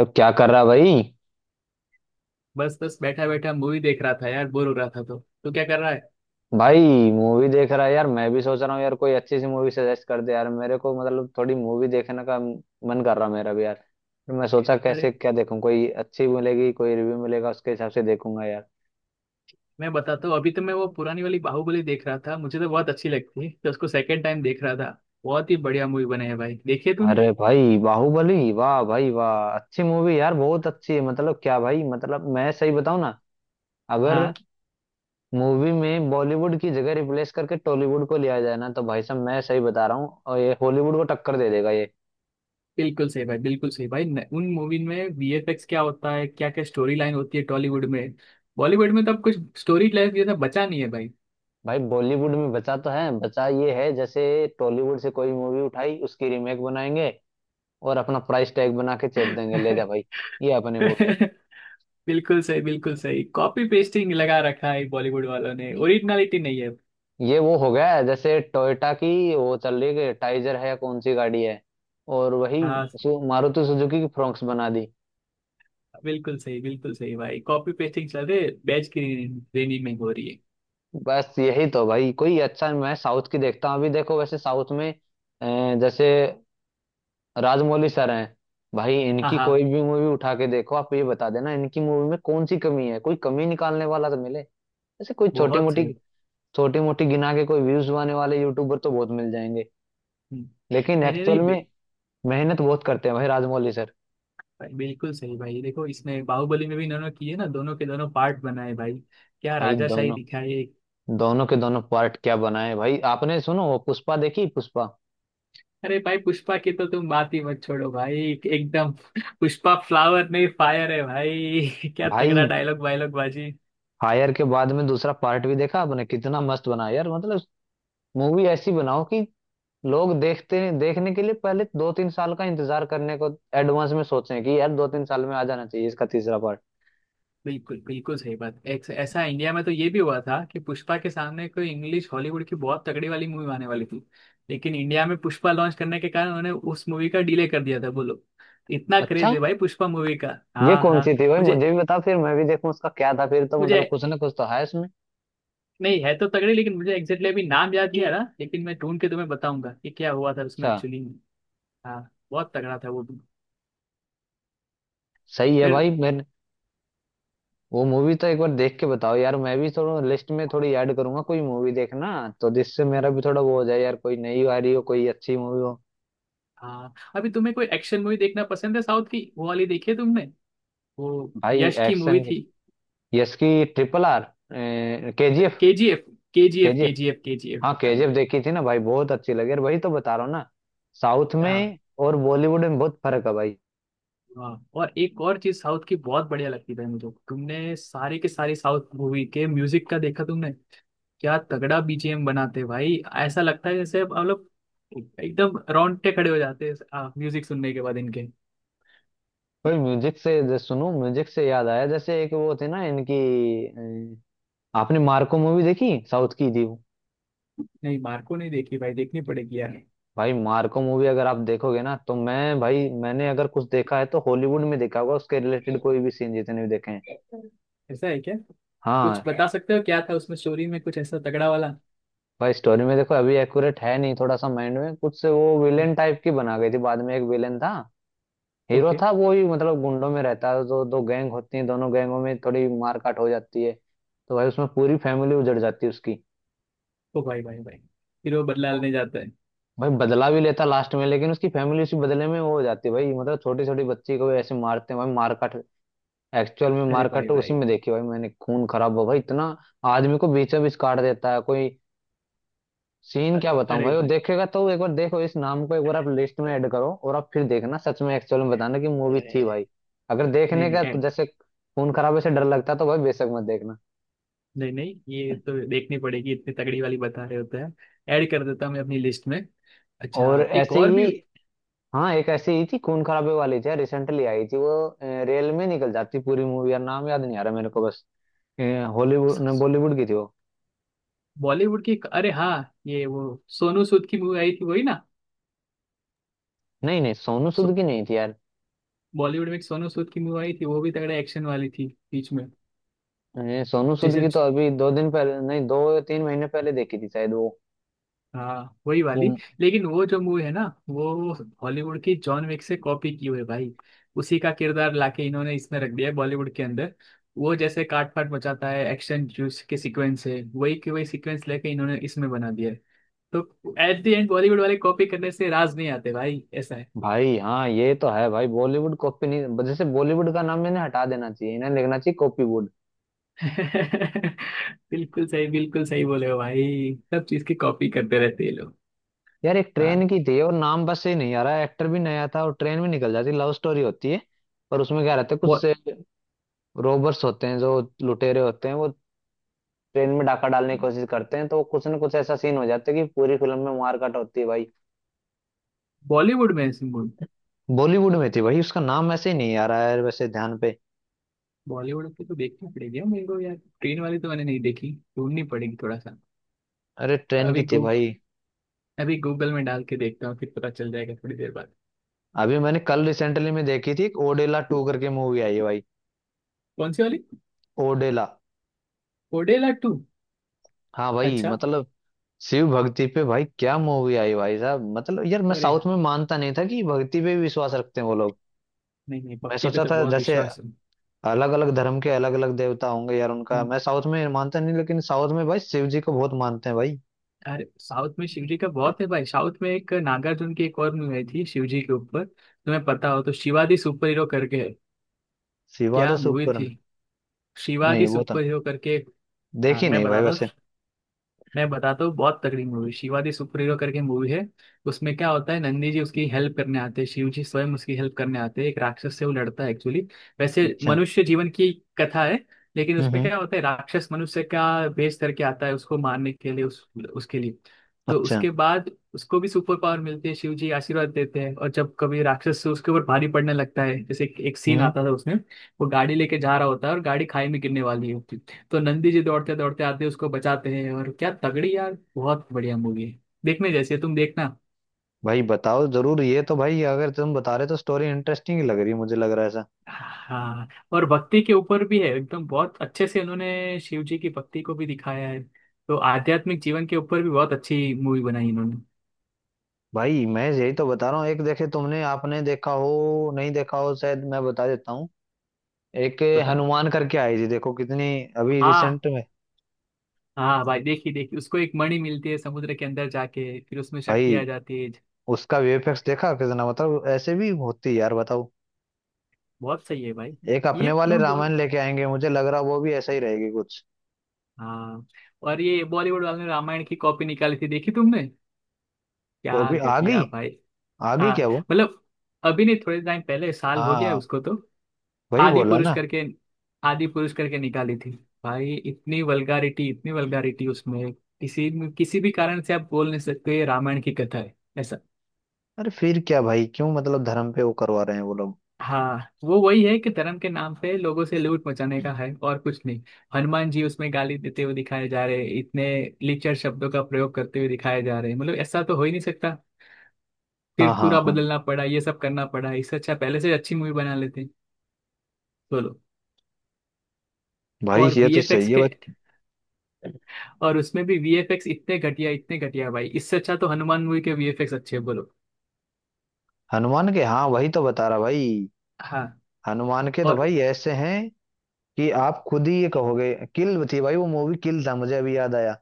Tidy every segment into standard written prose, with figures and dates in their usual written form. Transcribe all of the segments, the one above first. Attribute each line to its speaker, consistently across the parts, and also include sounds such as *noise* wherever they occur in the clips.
Speaker 1: अब क्या कर रहा, भाई?
Speaker 2: बस बस बैठा बैठा मूवी देख रहा था यार। बोर हो रहा था। तो क्या कर रहा है।
Speaker 1: भाई, मूवी देख रहा है यार। मैं भी सोच रहा हूँ यार कोई अच्छी सी मूवी सजेस्ट कर दे यार मेरे को। मतलब थोड़ी मूवी देखने का मन कर रहा मेरा भी यार। फिर मैं सोचा
Speaker 2: अरे
Speaker 1: कैसे क्या देखूं, कोई अच्छी मिलेगी, कोई रिव्यू मिलेगा उसके हिसाब से देखूंगा यार।
Speaker 2: मैं बताता हूँ। अभी तो मैं वो पुरानी वाली बाहुबली देख रहा था। मुझे तो बहुत अच्छी लगती है, तो उसको सेकंड टाइम देख रहा था। बहुत ही बढ़िया मूवी बने है भाई, देखिए तूने।
Speaker 1: अरे भाई, बाहुबली, वाह भाई वाह, अच्छी मूवी यार, बहुत अच्छी है। मतलब क्या भाई, मतलब मैं सही बताऊं ना, अगर
Speaker 2: हाँ,
Speaker 1: मूवी में बॉलीवुड की जगह रिप्लेस करके टॉलीवुड को लिया जाए ना, तो भाई साहब मैं सही बता रहा हूँ, और ये हॉलीवुड को टक्कर दे देगा ये।
Speaker 2: बिल्कुल सही भाई, बिल्कुल सही भाई न, उन मूवी में वीएफएक्स क्या होता है, क्या क्या स्टोरी लाइन होती है टॉलीवुड में। बॉलीवुड में तो अब कुछ स्टोरी लाइन जैसा बचा नहीं है भाई।
Speaker 1: भाई बॉलीवुड में बचा तो है, बचा ये है, जैसे टॉलीवुड से कोई मूवी उठाई उसकी रीमेक बनाएंगे और अपना प्राइस टैग बना के चेप देंगे, ले जा भाई ये अपने
Speaker 2: *laughs*
Speaker 1: मूवी।
Speaker 2: बिल्कुल सही बिल्कुल सही, कॉपी पेस्टिंग लगा रखा है बॉलीवुड वालों ने,
Speaker 1: ये
Speaker 2: ओरिजिनलिटी नहीं है।
Speaker 1: ये वो हो गया है जैसे टोयोटा की, वो चल रही है टाइजर है या कौन सी गाड़ी है, और वही
Speaker 2: हाँ,
Speaker 1: मारुति सुजुकी की फ्रोंक्स बना दी।
Speaker 2: बिल्कुल सही भाई, कॉपी पेस्टिंग चल रही है बैच की। रेनी में हो रही है।
Speaker 1: बस यही तो भाई, कोई अच्छा मैं साउथ की देखता हूँ। अभी देखो वैसे साउथ में जैसे राजमौली सर हैं। भाई
Speaker 2: हाँ
Speaker 1: इनकी
Speaker 2: हाँ,
Speaker 1: कोई भी मूवी उठा के देखो, आप ये बता देना इनकी मूवी में कौन सी कमी है, कोई कमी निकालने वाला तो मिले। ऐसे कोई छोटी
Speaker 2: बहुत
Speaker 1: मोटी,
Speaker 2: सही।
Speaker 1: छोटी मोटी गिना के कोई व्यूज आने वाले यूट्यूबर तो बहुत मिल जाएंगे,
Speaker 2: हम्म,
Speaker 1: लेकिन
Speaker 2: नहीं नहीं
Speaker 1: एक्चुअल
Speaker 2: नहीं
Speaker 1: में
Speaker 2: बिल,
Speaker 1: मेहनत बहुत करते हैं भाई राजमौली सर।
Speaker 2: भाई, बिल्कुल सही भाई, देखो इसमें बाहुबली में भी इन्होंने किए ना, दोनों के दोनों पार्ट बनाए भाई। क्या
Speaker 1: भाई
Speaker 2: राजाशाही
Speaker 1: दोनों
Speaker 2: दिखाई है।
Speaker 1: दोनों के दोनों पार्ट क्या बनाए हैं भाई आपने। सुनो वो पुष्पा देखी, पुष्पा।
Speaker 2: अरे भाई, पुष्पा की तो तुम बात ही मत छोड़ो भाई। एकदम *laughs* पुष्पा फ्लावर नहीं फायर है भाई *laughs* क्या तगड़ा
Speaker 1: भाई
Speaker 2: डायलॉग वायलॉग बाजी।
Speaker 1: फायर के बाद में दूसरा पार्ट भी देखा आपने, कितना मस्त बनाया यार। मतलब मूवी ऐसी बनाओ कि लोग देखते हैं, देखने के लिए पहले 2-3 साल का इंतजार करने को एडवांस में सोचें कि यार 2-3 साल में आ जाना चाहिए इसका तीसरा पार्ट।
Speaker 2: बिल्कुल बिल्कुल सही बात। ऐसा इंडिया में तो ये भी हुआ था कि पुष्पा के सामने कोई इंग्लिश हॉलीवुड की बहुत तगड़ी वाली मूवी आने वाली थी, लेकिन इंडिया में पुष्पा लॉन्च करने के कारण उन्होंने उस मूवी का डिले कर दिया था। बोलो, इतना क्रेज
Speaker 1: अच्छा,
Speaker 2: है भाई पुष्पा मूवी का।
Speaker 1: ये
Speaker 2: हाँ
Speaker 1: कौन
Speaker 2: हाँ।
Speaker 1: सी थी भाई,
Speaker 2: मुझे
Speaker 1: मुझे भी बता फिर मैं भी देखूं। उसका क्या था फिर, तो
Speaker 2: मुझे
Speaker 1: मतलब कुछ ना कुछ तो है इसमें।
Speaker 2: नहीं है तो तगड़ी, लेकिन मुझे एग्जैक्टली अभी नाम याद नहीं आ रहा, लेकिन मैं ढूंढ के तुम्हें बताऊंगा कि क्या हुआ था उसमें
Speaker 1: अच्छा,
Speaker 2: एक्चुअली में। हाँ, बहुत तगड़ा था वो भी।
Speaker 1: सही है
Speaker 2: फिर
Speaker 1: भाई। मैं वो मूवी तो एक बार देख के बताओ यार, मैं भी थोड़ा लिस्ट में थोड़ी ऐड करूंगा कोई मूवी देखना, तो जिससे मेरा भी थोड़ा वो हो जाए यार, कोई नई आ रही हो, कोई अच्छी मूवी हो।
Speaker 2: हाँ, अभी तुम्हें कोई एक्शन मूवी देखना पसंद है। साउथ की वो वाली देखी है तुमने, वो
Speaker 1: भाई
Speaker 2: यश की मूवी
Speaker 1: एक्शन की,
Speaker 2: थी।
Speaker 1: यस की RRR, के G
Speaker 2: K G F, K G F, K
Speaker 1: F
Speaker 2: G F, K G F
Speaker 1: हाँ,
Speaker 2: भाई।
Speaker 1: KGF देखी थी ना भाई, बहुत अच्छी लगी। और वही तो बता रहा हूँ ना, साउथ
Speaker 2: हाँ,
Speaker 1: में और बॉलीवुड में बहुत फर्क है भाई।
Speaker 2: वाह। और एक और चीज साउथ की बहुत बढ़िया लगती है मुझे, तुमने सारे के सारे साउथ मूवी के म्यूजिक का देखा तुमने, क्या तगड़ा बीजीएम बनाते हैं भाई। ऐसा लगता है जैसे मतलब एकदम रोंगटे खड़े हो जाते हैं म्यूजिक सुनने के बाद इनके।
Speaker 1: भाई म्यूजिक से, जैसे सुनो म्यूजिक से याद आया, जैसे एक वो थे ना इनकी अ, आपने मार्को मूवी देखी, साउथ की थी वो।
Speaker 2: नहीं मार्को नहीं देखी भाई, देखनी पड़ेगी यार।
Speaker 1: भाई मार्को मूवी अगर आप देखोगे ना, तो मैं भाई, मैंने अगर कुछ देखा है तो हॉलीवुड में देखा होगा उसके रिलेटेड कोई भी सीन, जितने भी देखे हैं।
Speaker 2: ऐसा है क्या, कुछ
Speaker 1: हाँ,
Speaker 2: बता सकते हो क्या था उसमें स्टोरी में कुछ ऐसा तगड़ा वाला।
Speaker 1: भाई स्टोरी में देखो अभी एक्यूरेट है नहीं, थोड़ा सा माइंड में कुछ से वो विलेन टाइप की बना गई थी, बाद में। एक विलेन था, हीरो
Speaker 2: ओके।
Speaker 1: था वो ही, मतलब गुंडों में रहता है, तो दो गैंग होती है, दोनों गैंगों में थोड़ी मारकाट हो जाती है। तो भाई उसमें पूरी फैमिली उजड़ जाती है उसकी।
Speaker 2: ओ भाई भाई भाई, फिर वो बदला
Speaker 1: ओ,
Speaker 2: लेने जाता है।
Speaker 1: भाई बदला भी लेता लास्ट में, लेकिन उसकी फैमिली उसी बदले में वो हो जाती है भाई। मतलब छोटी छोटी बच्ची को भी ऐसे मारते हैं भाई, मारकाट। एक्चुअल में
Speaker 2: अरे
Speaker 1: मारकाट
Speaker 2: भाई
Speaker 1: तो उसी
Speaker 2: भाई,
Speaker 1: में देखी भाई मैंने, खून खराब हो भाई इतना। आदमी को बीचों बीच काट देता है कोई। सीन क्या बताऊं
Speaker 2: अरे
Speaker 1: भाई, वो
Speaker 2: भाई।
Speaker 1: देखेगा तो, एक बार देखो इस नाम को, एक बार आप लिस्ट में ऐड करो और आप फिर देखना, सच में एक्चुअल में बताना कि मूवी थी भाई। अगर
Speaker 2: नहीं
Speaker 1: देखने
Speaker 2: नहीं
Speaker 1: का, तो
Speaker 2: ऐड
Speaker 1: जैसे खून खराबे से डर लगता है, तो भाई बेशक मत देखना।
Speaker 2: नहीं नहीं, ये तो देखनी पड़ेगी, इतनी तगड़ी वाली बता रहे होते हैं, ऐड कर देता हूँ मैं अपनी लिस्ट में।
Speaker 1: और
Speaker 2: अच्छा एक
Speaker 1: ऐसी
Speaker 2: और भी
Speaker 1: ही, हाँ, एक ऐसी ही थी खून खराबे वाली, थी रिसेंटली आई थी वो। रेल में निकल जाती पूरी मूवी यार, नाम याद नहीं आ रहा मेरे को बस। हॉलीवुड ने बॉलीवुड की थी वो।
Speaker 2: बॉलीवुड की, अरे हाँ, ये वो सोनू सूद की मूवी आई थी वही ना।
Speaker 1: नहीं नहीं, सोनू
Speaker 2: सो
Speaker 1: सूद की नहीं थी यार।
Speaker 2: बॉलीवुड में एक सोनू सूद की मूवी आई थी, वो भी तगड़ा एक्शन वाली थी बीच में
Speaker 1: सोनू सूद
Speaker 2: जैसे।
Speaker 1: की तो अभी 2 दिन पहले, नहीं दो 3 महीने पहले देखी थी शायद वो
Speaker 2: हाँ वही वाली,
Speaker 1: वो
Speaker 2: लेकिन वो जो मूवी है ना, वो हॉलीवुड की जॉन विक से कॉपी की हुई है भाई। उसी का किरदार लाके इन्होंने इसमें रख दिया है बॉलीवुड के अंदर। वो जैसे काट फाट मचाता है, एक्शन जूस के सीक्वेंस है, वही के वही सीक्वेंस लेके इन्होंने इसमें बना दिया है। तो एट द एंड बॉलीवुड वाले कॉपी करने से राज नहीं आते भाई, ऐसा है।
Speaker 1: भाई, हाँ ये तो है भाई, बॉलीवुड कॉपी नहीं, जैसे बॉलीवुड का नाम इन्हें हटा देना चाहिए, इन्हें लिखना चाहिए कॉपीवुड।
Speaker 2: *laughs* बिल्कुल सही बोले हो भाई, सब चीज की कॉपी करते रहते हैं ये लोग।
Speaker 1: यार एक ट्रेन
Speaker 2: हाँ।
Speaker 1: की थी और नाम बस से नहीं आ रहा, एक्टर भी नया था और ट्रेन भी निकल जाती, लव स्टोरी होती है, पर उसमें क्या रहता है, कुछ
Speaker 2: बॉ-
Speaker 1: से रोबर्स होते हैं, जो लुटेरे होते हैं वो ट्रेन में डाका डालने की कोशिश करते हैं, तो कुछ ना कुछ ऐसा सीन हो जाता है कि पूरी फिल्म में मारकाट होती है भाई।
Speaker 2: बॉलीवुड में ऐसी,
Speaker 1: बॉलीवुड में थी भाई, उसका नाम ऐसे ही नहीं आ रहा है वैसे ध्यान पे।
Speaker 2: बॉलीवुड की तो देखनी पड़ेगी यार मेरे को यार। ट्रेन वाली तो मैंने नहीं देखी, ढूंढनी पड़ेगी थोड़ा सा।
Speaker 1: अरे ट्रेन की
Speaker 2: अभी
Speaker 1: थी
Speaker 2: गूग
Speaker 1: भाई।
Speaker 2: अभी गूगल में डाल के देखता हूँ, फिर पता चल जाएगा थोड़ी देर बाद।
Speaker 1: अभी मैंने कल रिसेंटली में देखी थी, एक ओडेला 2 करके मूवी आई है भाई।
Speaker 2: कौन सी वाली,
Speaker 1: ओडेला,
Speaker 2: ओडेला टू।
Speaker 1: हाँ भाई,
Speaker 2: अच्छा,
Speaker 1: मतलब शिव भक्ति पे भाई क्या मूवी आई भाई साहब। मतलब यार मैं
Speaker 2: अरे
Speaker 1: साउथ में मानता नहीं था कि भक्ति पे भी विश्वास रखते हैं वो लोग।
Speaker 2: नहीं नहीं,
Speaker 1: मैं
Speaker 2: भक्ति पे
Speaker 1: सोचा
Speaker 2: तो
Speaker 1: था
Speaker 2: बहुत
Speaker 1: जैसे
Speaker 2: विश्वास है।
Speaker 1: अलग अलग धर्म के अलग अलग देवता होंगे यार उनका,
Speaker 2: हम्म,
Speaker 1: मैं साउथ में मानता नहीं, लेकिन साउथ में भाई शिव जी को बहुत मानते हैं भाई।
Speaker 2: अरे साउथ में शिवजी का बहुत है भाई। साउथ में एक नागार्जुन की एक और मूवी आई थी शिवजी के ऊपर, तुम्हें पता हो तो, शिवाजी सुपर हीरो करके है।
Speaker 1: शिवादा
Speaker 2: क्या मूवी
Speaker 1: सुपर,
Speaker 2: थी,
Speaker 1: नहीं
Speaker 2: शिवाजी
Speaker 1: वो तो
Speaker 2: सुपर हीरो करके। हाँ
Speaker 1: देखी
Speaker 2: मैं
Speaker 1: नहीं भाई
Speaker 2: बताता हूँ,
Speaker 1: वैसे।
Speaker 2: मैं बताता हूँ बहुत तगड़ी movie, Shiva the superhero करके मूवी है। उसमें क्या होता है, नंदी जी उसकी हेल्प करने आते हैं, शिव जी स्वयं उसकी हेल्प करने आते हैं, एक राक्षस से वो लड़ता है एक्चुअली। वैसे
Speaker 1: अच्छा।
Speaker 2: मनुष्य जीवन की कथा है, लेकिन
Speaker 1: हम्म,
Speaker 2: उसमें
Speaker 1: हम्म।
Speaker 2: क्या होता है, राक्षस मनुष्य का भेष करके आता है उसको मारने के लिए, उसके लिए। तो
Speaker 1: अच्छा।
Speaker 2: उसके बाद उसको भी सुपर पावर मिलती है, शिव जी आशीर्वाद देते हैं, और जब कभी राक्षस से उसके ऊपर भारी पड़ने लगता है, जैसे एक सीन
Speaker 1: हम्म।
Speaker 2: आता था उसमें, वो गाड़ी लेके जा रहा होता है और गाड़ी खाई में गिरने वाली है, तो नंदी जी दौड़ते दौड़ते आते हैं, उसको बचाते हैं, और क्या तगड़ी यार, बहुत बढ़िया मूवी है, देखने जैसी है, तुम देखना।
Speaker 1: भाई बताओ जरूर, ये तो भाई अगर तुम बता रहे तो स्टोरी इंटरेस्टिंग ही लग रही है, मुझे लग रहा है ऐसा।
Speaker 2: हाँ, और भक्ति के ऊपर भी है एकदम, बहुत अच्छे से उन्होंने शिव जी की भक्ति को भी दिखाया है, तो आध्यात्मिक जीवन के ऊपर भी बहुत अच्छी मूवी बनाई इन्होंने।
Speaker 1: भाई मैं यही तो बता रहा हूँ, एक देखे तुमने, आपने देखा हो नहीं देखा हो शायद, मैं बता देता हूँ। एक
Speaker 2: बताओ।
Speaker 1: हनुमान करके आई थी, देखो कितनी अभी
Speaker 2: हाँ
Speaker 1: रिसेंट में।
Speaker 2: हाँ भाई, देखी देखी, उसको एक मणि मिलती है समुद्र के अंदर जाके, फिर उसमें शक्ति आ
Speaker 1: भाई
Speaker 2: जाती है।
Speaker 1: उसका VFX देखा कितना, मतलब ऐसे भी होती है यार बताओ।
Speaker 2: बहुत सही है भाई।
Speaker 1: एक अपने
Speaker 2: ये
Speaker 1: वाले
Speaker 2: मैं बोल
Speaker 1: रामायण लेके आएंगे, मुझे लग रहा वो भी ऐसा ही रहेगी कुछ
Speaker 2: हाँ, और ये बॉलीवुड वाले ने रामायण की कॉपी निकाली थी देखी तुमने,
Speaker 1: को
Speaker 2: क्या
Speaker 1: भी। आ गई,
Speaker 2: घटिया भाई।
Speaker 1: आ गई
Speaker 2: हाँ
Speaker 1: क्या वो,
Speaker 2: मतलब, अभी नहीं, थोड़े टाइम पहले, साल हो गया है
Speaker 1: हाँ
Speaker 2: उसको तो,
Speaker 1: वही
Speaker 2: आदि
Speaker 1: बोला
Speaker 2: पुरुष
Speaker 1: ना।
Speaker 2: करके, आदि पुरुष करके निकाली थी भाई। इतनी वल्गारिटी, इतनी वल्गारिटी उसमें, किसी किसी भी कारण से आप बोल नहीं सकते ये रामायण की कथा है ऐसा।
Speaker 1: अरे फिर क्या भाई, क्यों मतलब धर्म पे वो करवा रहे हैं वो लोग।
Speaker 2: हाँ, वो वही है कि धर्म के नाम पे लोगों से लूट मचाने का है और कुछ नहीं। हनुमान जी उसमें गाली देते हुए दिखाए जा रहे हैं, इतने लिचर शब्दों का प्रयोग करते हुए दिखाए जा रहे हैं, मतलब ऐसा तो हो ही नहीं सकता।
Speaker 1: हाँ
Speaker 2: फिर
Speaker 1: हाँ
Speaker 2: पूरा
Speaker 1: हाँ,
Speaker 2: बदलना पड़ा, ये सब करना पड़ा, इससे अच्छा पहले से अच्छी मूवी बना लेते। बोलो।
Speaker 1: भाई
Speaker 2: और
Speaker 1: ये तो
Speaker 2: वीएफएक्स
Speaker 1: सही है
Speaker 2: के,
Speaker 1: भाई।
Speaker 2: और उसमें भी वीएफएक्स इतने घटिया, इतने घटिया भाई, इससे अच्छा तो हनुमान मूवी के वीएफएक्स अच्छे हैं, बोलो।
Speaker 1: हनुमान के, हाँ वही तो बता रहा भाई।
Speaker 2: हाँ,
Speaker 1: हनुमान के तो
Speaker 2: और
Speaker 1: भाई ऐसे हैं कि आप खुद ही ये कहोगे, किल थी भाई वो मूवी, किल था, मुझे अभी याद आया,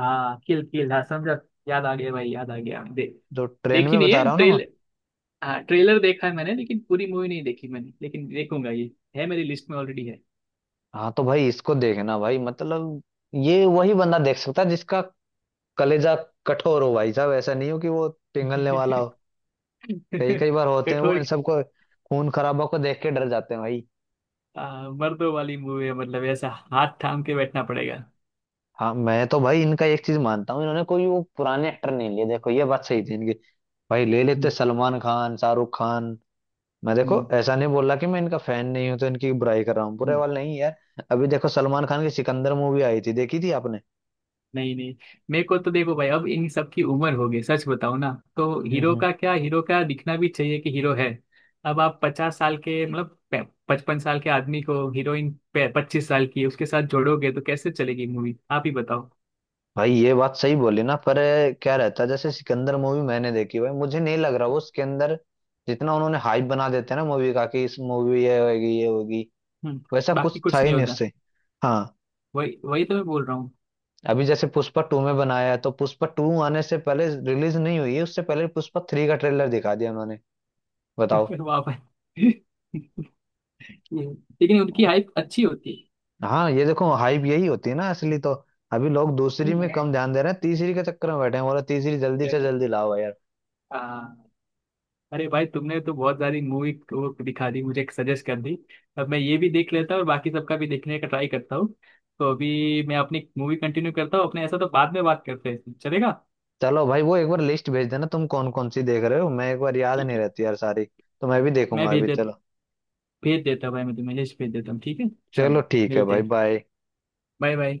Speaker 2: हाँ, किल किल हाँ समझा, याद आ गया भाई, याद आ गया।
Speaker 1: जो ट्रेन
Speaker 2: देखी
Speaker 1: में
Speaker 2: नहीं
Speaker 1: बता
Speaker 2: है
Speaker 1: रहा हूँ ना मैं।
Speaker 2: ट्रेल हाँ ट्रेलर देखा है मैंने, लेकिन पूरी मूवी नहीं देखी मैंने, लेकिन देखूंगा, ये है मेरी लिस्ट में ऑलरेडी है।
Speaker 1: हाँ तो भाई इसको देखना भाई, मतलब ये वही बंदा देख सकता है जिसका कलेजा कठोर हो भाई साहब, ऐसा नहीं हो कि वो पिघलने वाला हो। कई कई
Speaker 2: *laughs*
Speaker 1: बार होते हैं वो,
Speaker 2: कठोर।
Speaker 1: इन सबको खून खराबा को देख के डर जाते हैं भाई।
Speaker 2: मर्दों वाली मूवी है, मतलब ऐसा हाथ थाम के बैठना पड़ेगा।
Speaker 1: हाँ मैं तो भाई इनका एक चीज मानता हूँ, इन्होंने कोई वो पुराने एक्टर नहीं लिए, देखो ये बात सही थी इनकी। भाई ले लेते
Speaker 2: हम्म,
Speaker 1: सलमान खान, शाहरुख खान। मैं देखो
Speaker 2: हम्म,
Speaker 1: ऐसा नहीं बोल रहा कि मैं इनका फैन नहीं हूं तो इनकी बुराई कर रहा हूँ, बुरे
Speaker 2: हम्म।
Speaker 1: वाले नहीं यार। अभी देखो सलमान खान की सिकंदर मूवी आई थी, देखी थी आपने?
Speaker 2: नहीं नहीं, मेरे को तो देखो भाई, अब इन सब की उम्र हो गई, सच बताओ ना, तो हीरो
Speaker 1: हम्म।
Speaker 2: का क्या, हीरो का दिखना भी चाहिए कि हीरो है। अब आप 50 साल के मतलब 55 साल के आदमी को, हीरोइन 25 साल की उसके साथ जोड़ोगे, तो कैसे चलेगी मूवी आप ही बताओ।
Speaker 1: भाई ये बात सही बोली ना, पर क्या रहता है, जैसे सिकंदर मूवी मैंने देखी भाई, मुझे नहीं लग रहा वो उसके अंदर जितना उन्होंने हाइप बना देते हैं ना मूवी का, कि इस मूवी ये होगी ये होगी,
Speaker 2: हम्म,
Speaker 1: वैसा
Speaker 2: बाकी
Speaker 1: कुछ था
Speaker 2: कुछ
Speaker 1: ही
Speaker 2: नहीं
Speaker 1: नहीं
Speaker 2: होता,
Speaker 1: उससे। हाँ,
Speaker 2: वही वही तो मैं बोल रहा हूँ।
Speaker 1: अभी जैसे पुष्पा 2 में बनाया है, तो पुष्पा 2 आने से पहले रिलीज नहीं हुई है, उससे पहले पुष्पा 3 का ट्रेलर दिखा दिया उन्होंने, बताओ।
Speaker 2: *laughs* वाह भाई *laughs* लेकिन उनकी हाइप अच्छी होती
Speaker 1: हाँ ये देखो हाइप यही होती है ना असली तो, अभी लोग दूसरी में
Speaker 2: है।
Speaker 1: कम ध्यान दे रहे हैं, तीसरी के चक्कर में बैठे हैं, बोला तीसरी जल्दी से
Speaker 2: हम्म,
Speaker 1: जल्दी लाओ यार।
Speaker 2: हाँ, अरे भाई तुमने तो बहुत सारी मूवी को दिखा दी, मुझे सजेस्ट कर दी, अब मैं ये भी देख लेता हूँ और बाकी सबका भी देखने का ट्राई करता हूँ। तो अभी मैं अपनी मूवी कंटिन्यू करता हूँ अपने, ऐसा तो बाद में बात करते हैं, चलेगा।
Speaker 1: चलो भाई, वो एक बार लिस्ट भेज देना, तुम कौन कौन सी देख रहे हो मैं एक बार, याद
Speaker 2: ठीक
Speaker 1: नहीं
Speaker 2: है,
Speaker 1: रहती यार सारी। तो मैं भी
Speaker 2: मैं
Speaker 1: देखूंगा,
Speaker 2: भेज
Speaker 1: अभी
Speaker 2: दे
Speaker 1: चलो।
Speaker 2: भेज देता हूँ भाई, मैं तुम्हें लिस्ट भेज देता हूँ, ठीक है।
Speaker 1: चलो
Speaker 2: चलो
Speaker 1: ठीक है
Speaker 2: मिलते
Speaker 1: भाई,
Speaker 2: हैं,
Speaker 1: बाय।
Speaker 2: Bye bye.